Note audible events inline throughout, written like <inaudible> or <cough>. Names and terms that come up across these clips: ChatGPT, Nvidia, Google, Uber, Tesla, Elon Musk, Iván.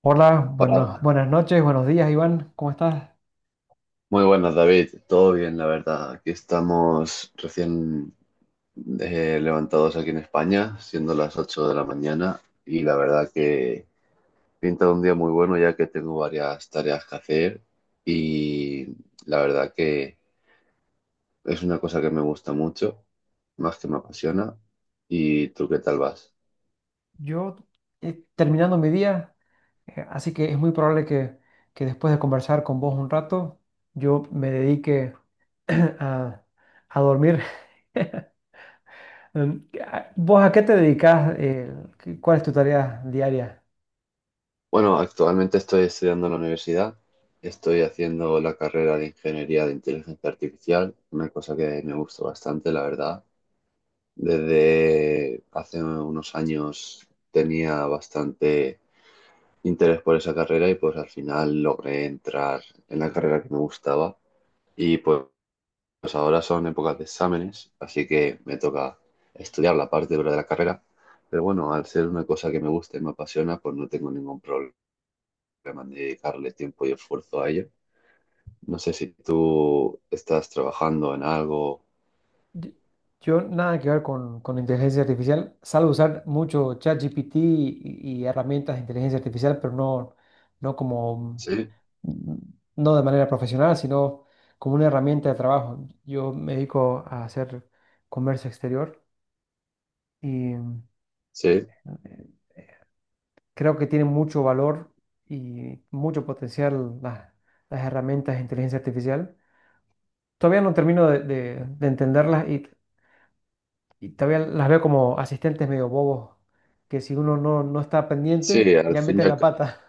Hola, bueno, Hola. buenas noches, buenos días, Iván, ¿cómo estás? Muy buenas, David. Todo bien, la verdad. Aquí estamos recién levantados aquí en España, siendo las 8 de la mañana, y la verdad que pinta un día muy bueno ya que tengo varias tareas que hacer y la verdad que es una cosa que me gusta mucho, más que me apasiona. ¿Y tú qué tal vas? Yo terminando mi día, así que es muy probable que después de conversar con vos un rato, yo me dedique <clears throat> a, a dormir. <laughs> ¿Vos a qué te dedicas? ¿Cuál es tu tarea diaria? Bueno, actualmente estoy estudiando en la universidad. Estoy haciendo la carrera de Ingeniería de Inteligencia Artificial, una cosa que me gusta bastante, la verdad. Desde hace unos años tenía bastante interés por esa carrera y pues al final logré entrar en la carrera que me gustaba. Y pues, ahora son épocas de exámenes, así que me toca estudiar la parte dura de la carrera. Pero bueno, al ser una cosa que me gusta y me apasiona, pues no tengo ningún problemas ni dedicarle tiempo y esfuerzo a ello. No sé si tú estás trabajando en algo. Yo, yo nada que ver con inteligencia artificial, salvo usar mucho ChatGPT y herramientas de inteligencia artificial, pero no como Sí, mm, no de manera profesional, sino como una herramienta de trabajo. Yo me dedico a hacer comercio exterior y sí, creo que tiene mucho valor y mucho potencial las herramientas de inteligencia artificial. Todavía no termino de entenderlas y todavía las veo como asistentes medio bobos, que si uno no está sí, pendiente, ya meten la pata.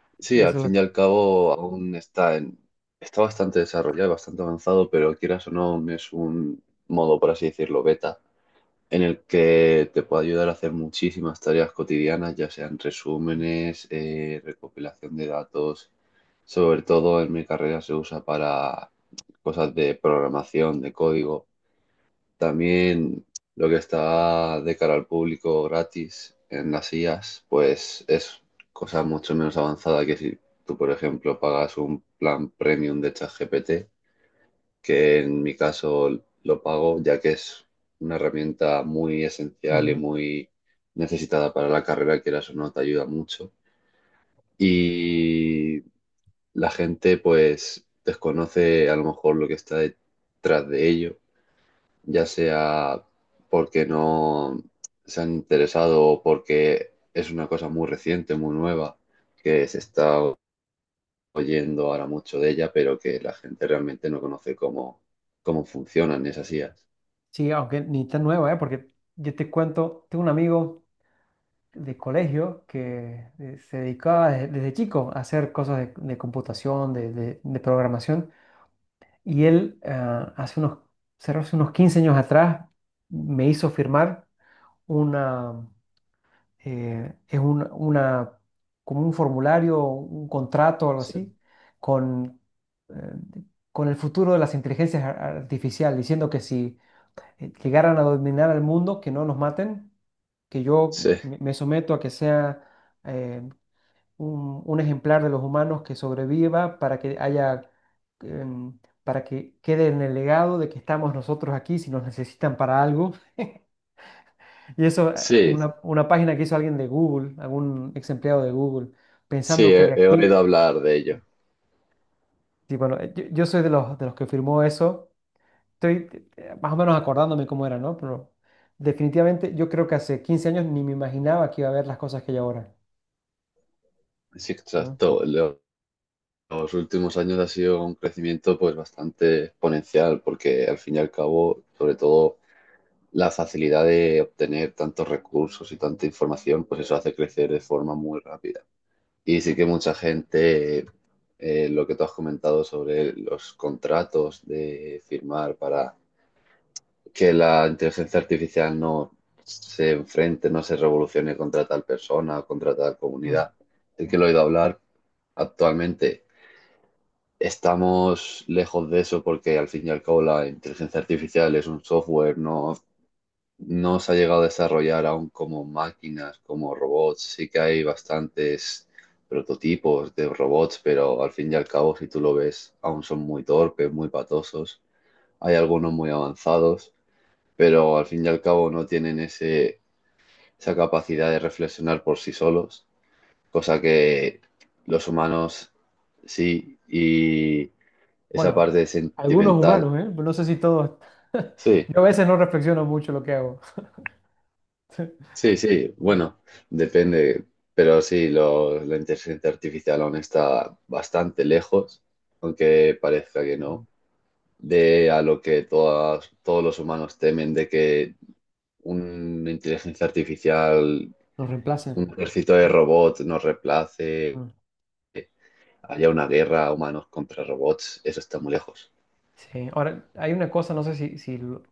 <laughs> al Eso es lo fin y que... al cabo aún está bastante desarrollado, bastante avanzado, pero quieras o no, es un modo, por así decirlo, beta, en el que te puede ayudar a hacer muchísimas tareas cotidianas, ya sean resúmenes, recopilación de datos. Sobre todo en mi carrera se usa para cosas de programación, de código. También lo que está de cara al público gratis en las IAs, pues es cosa mucho menos avanzada que si tú, por ejemplo, pagas un plan premium de ChatGPT, que en mi caso lo pago ya que es una herramienta muy esencial y Ujú. muy necesitada para la carrera, quieras o no, te ayuda mucho. Y la gente pues desconoce a lo mejor lo que está detrás de ello ya sea porque no se han interesado o porque es una cosa muy reciente, muy nueva, que se está oyendo ahora mucho de ella, pero que la gente realmente no conoce cómo, cómo funcionan esas IAs. Sí, aunque ni tan nueva, ¿eh? Porque yo te cuento, tengo un amigo de colegio que se dedicaba desde chico a hacer cosas de computación, de programación, y él cerró hace unos 15 años atrás me hizo firmar una, es un- una, como un formulario, un contrato o algo Sí, así, con, eh, con el futuro de las inteligencias artificiales, diciendo que si llegaran a dominar al mundo, que no nos maten, que yo sí, me someto a que sea eh, un ejemplar de los humanos que sobreviva para que haya, em, para que quede en el legado de que estamos nosotros aquí si nos necesitan para algo. <laughs> Y eso es sí, una página que hizo alguien de Google, algún ex empleado de Google, sí, pensando que de he oído aquí, hablar de ello. sí, bueno, yo soy de los que firmó eso, estoy más o menos acordándome cómo era, ¿no? Pero definitivamente yo creo que hace 15 años ni me imaginaba que iba a haber las cosas que hay ahora, Sí, ¿no? exacto. Los últimos años ha sido un crecimiento pues bastante exponencial, porque al fin y al cabo, sobre todo la facilidad de obtener tantos recursos y tanta información, pues eso hace crecer de forma muy rápida. Y sí que mucha gente, lo que tú has comentado sobre los contratos de firmar para que la inteligencia artificial no se enfrente, no se revolucione contra tal persona o contra tal Mm. comunidad, el que lo he oído hablar actualmente. Estamos lejos de eso porque al fin y al cabo la inteligencia artificial es un software, no, no se ha llegado a desarrollar aún como máquinas, como robots. Sí que hay bastantes prototipos de robots, pero al fin y al cabo, si tú lo ves, aún son muy torpes, muy patosos. Hay algunos muy avanzados, pero al fin y al cabo no tienen ese, esa capacidad de reflexionar por sí solos, cosa que los humanos sí y esa Bueno, parte algunos sentimental. humanos, ¿eh? No sé si todos. <laughs> Sí, Yo a veces no reflexiono mucho lo que hago. <laughs> sí, sí. Bueno, depende. Pero sí, la inteligencia artificial aún está bastante lejos, aunque parezca que no, de a lo que todos los humanos temen, de que una inteligencia artificial, Nos un reemplacen, ejército de ¿no? robots nos reemplace, Mm. haya una guerra humanos contra robots, eso está muy lejos. Sí, ahora hay una cosa, no sé si, si lo-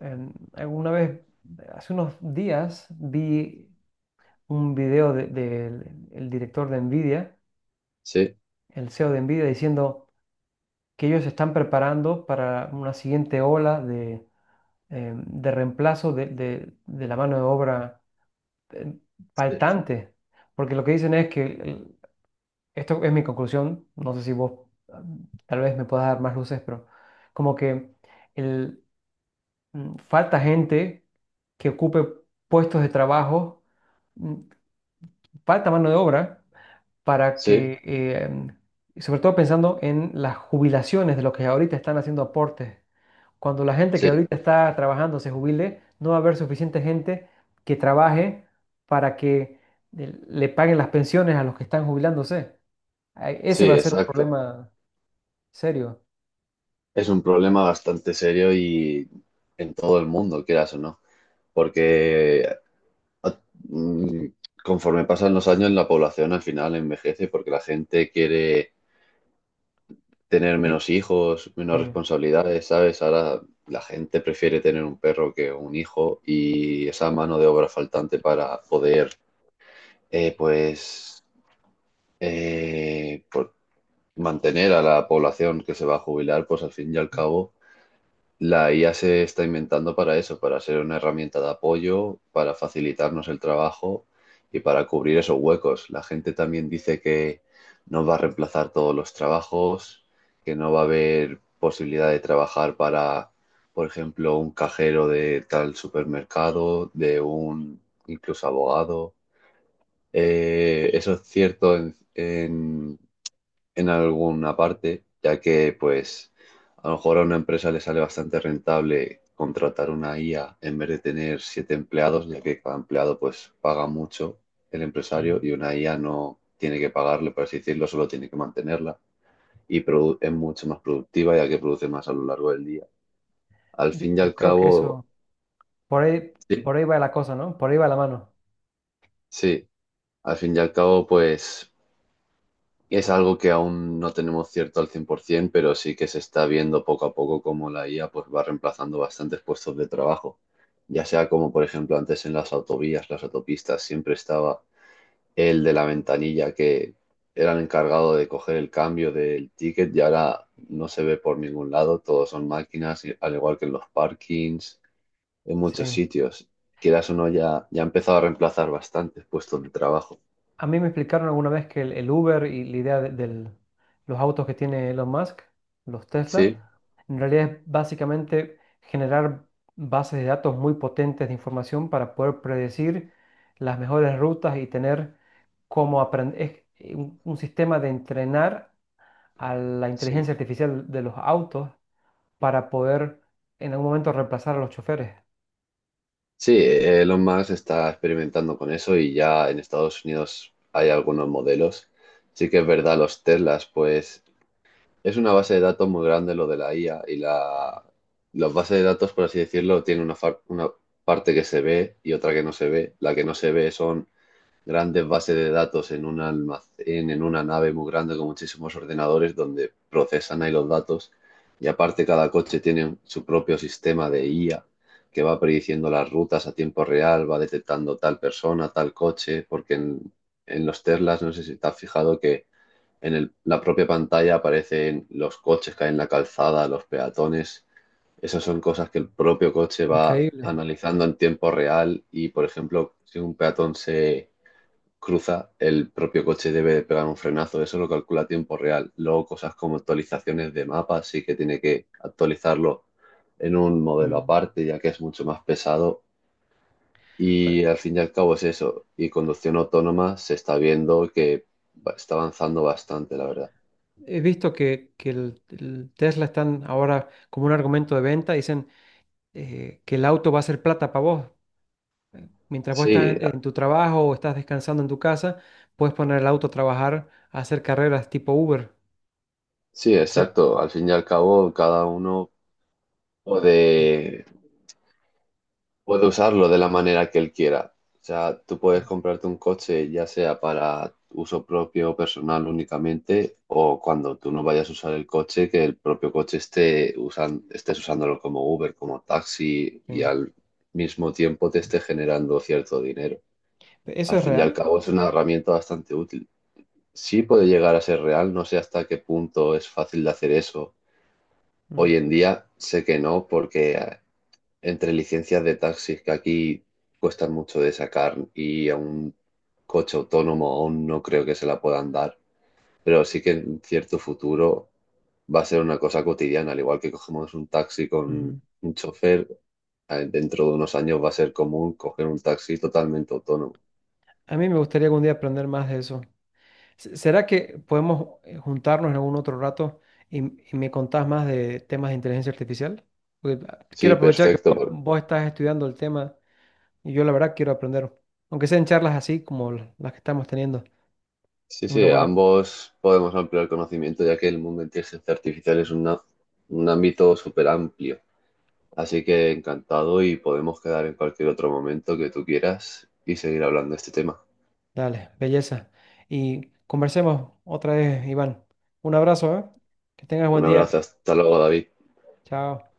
en- alguna vez, hace unos días, vi un video el director de Nvidia, Sí, el CEO de Nvidia, diciendo que ellos se están preparando para una siguiente ola de reemplazo de la mano de obra eh, sí, faltante, porque lo que dicen es que esto es mi conclusión, no sé si vos mm, tal vez me puedas dar más luces, pero como que el, falta gente que ocupe puestos de trabajo, mm, falta mano de obra para sí, que, sobre todo pensando en las jubilaciones de los que ahorita están haciendo aportes, cuando la gente que sí, ahorita está trabajando se jubile, no va a haber suficiente gente que trabaje para que le paguen las pensiones a los que están jubilándose. Ay, ese sí, va a ser un exacto. problema serio. Es un problema bastante serio y en todo el mundo, quieras o no, porque a- mm, conforme pasan los años la población al final envejece porque la gente quiere tener Y- menos hijos, menos Sí. responsabilidades, ¿sabes? Ahora la gente prefiere tener un perro que un hijo y esa mano de obra faltante para poder, eh, pues, eh, por- mantener a la población que se va a jubilar, pues al fin y al cabo la IA se está inventando para eso, para ser una herramienta de apoyo, para facilitarnos el trabajo y para cubrir esos huecos. La gente también dice que nos va a reemplazar todos los trabajos, que no va a haber posibilidad de trabajar para, por ejemplo, un cajero de tal supermercado, de un incluso abogado. Eso es cierto en, en alguna parte, ya que pues a lo mejor a una empresa le sale bastante rentable contratar una IA en vez de tener siete empleados, ya que cada empleado pues paga mucho el empresario Ujú. y una IA no tiene que pagarle, por así decirlo, solo tiene que mantenerla y es mucho más productiva ya que produce más a lo largo del día. Al Yo, fin y yo al creo que cabo, eso, por ahí, sí, por ahí va la cosa, ¿no? Por ahí va la mano. sí, al fin y al cabo pues es algo que aún no tenemos cierto al 100%, pero sí que se está viendo poco a poco cómo la IA pues, va reemplazando bastantes puestos de trabajo. Ya sea como, por ejemplo, antes en las autovías, las autopistas, siempre estaba el de la ventanilla que era el encargado de coger el cambio del ticket y ahora no se ve por ningún lado, todos son máquinas, al igual que en los parkings, en muchos Sí. sitios. Quieras o no, ya ha empezado a reemplazar bastantes puestos de trabajo. A mí me explicaron alguna vez que el Uber y la idea de los autos que tiene Elon Musk, los Tesla, Sí, en realidad es básicamente generar bases de datos muy potentes de información para poder predecir las mejores rutas y tener cómo aprender, un sistema de entrenar a la sí. inteligencia artificial de los autos para poder en algún momento reemplazar a los choferes. Sí, Elon Musk está experimentando con eso y ya en Estados Unidos hay algunos modelos. Sí que es verdad, los Teslas, pues es una base de datos muy grande lo de la IA y las bases de datos, por así decirlo, tienen una parte que se ve y otra que no se ve. La que no se ve son grandes bases de datos en un almacén, en una nave muy grande con muchísimos ordenadores donde procesan ahí los datos y aparte cada coche tiene su propio sistema de IA que va prediciendo las rutas a tiempo real, va detectando tal persona, tal coche, porque en los Teslas, no sé si te has fijado que en la propia pantalla aparecen los coches que hay en la calzada, los peatones. Esas son cosas que el propio coche va Increíble. analizando en tiempo real y, por ejemplo, si un peatón se cruza, el propio coche debe pegar un frenazo. Eso lo calcula a tiempo real. Luego cosas como actualizaciones de mapas, sí que tiene que actualizarlo en un modelo Mm. aparte, ya que es mucho más pesado. Ahora, Y al fin y al cabo es eso. Y conducción autónoma se está viendo que está avanzando bastante, la verdad. he visto que el Tesla están ahora como un argumento de venta, dicen que el auto va a ser plata para vos. Mientras vos estás Sí, en tu trabajo o estás descansando en tu casa, puedes poner el auto a trabajar, a hacer carreras tipo Uber. sí, Ser- exacto. Al fin y al cabo, cada uno Mm, puede. puede usarlo de la manera que él quiera. O sea, tú puedes mm. comprarte un coche ya sea para uso propio o personal únicamente, o cuando tú no vayas a usar el coche, que el propio coche estés usándolo como Uber, como taxi, y Mm. al mismo tiempo te esté generando cierto dinero. ¿Eso Al es fin y al real? cabo es una herramienta bastante útil. Sí puede llegar a ser real, no sé hasta qué punto es fácil de hacer eso. Mm. Hoy en día sé que no, porque entre licencias de taxis que aquí cuestan mucho de sacar y a un coche autónomo aún no creo que se la puedan dar, pero sí que en cierto futuro va a ser una cosa cotidiana, al igual que cogemos un taxi con Ujú. un chofer, dentro de unos años va a ser común coger un taxi totalmente autónomo. A mí me gustaría algún día aprender más de eso. Se- ¿Será que podemos juntarnos en algún otro rato y, y me contás más de temas de inteligencia artificial? Porque Sí, quiero aprovechar que perfecto. Vos estás estudiando el tema y yo la verdad quiero aprender, aunque sean charlas así como las que estamos teniendo. Sí, Es una sí, buena, ambos podemos ampliar el conocimiento ya que el mundo de inteligencia artificial es un ámbito súper amplio. Así que encantado y podemos quedar en cualquier otro momento que tú quieras y seguir hablando de este tema. dale, belleza. Y conversemos otra vez, Iván. Un abrazo, ¿eh? Que tengas buen Un día. abrazo, hasta luego, David. Chao.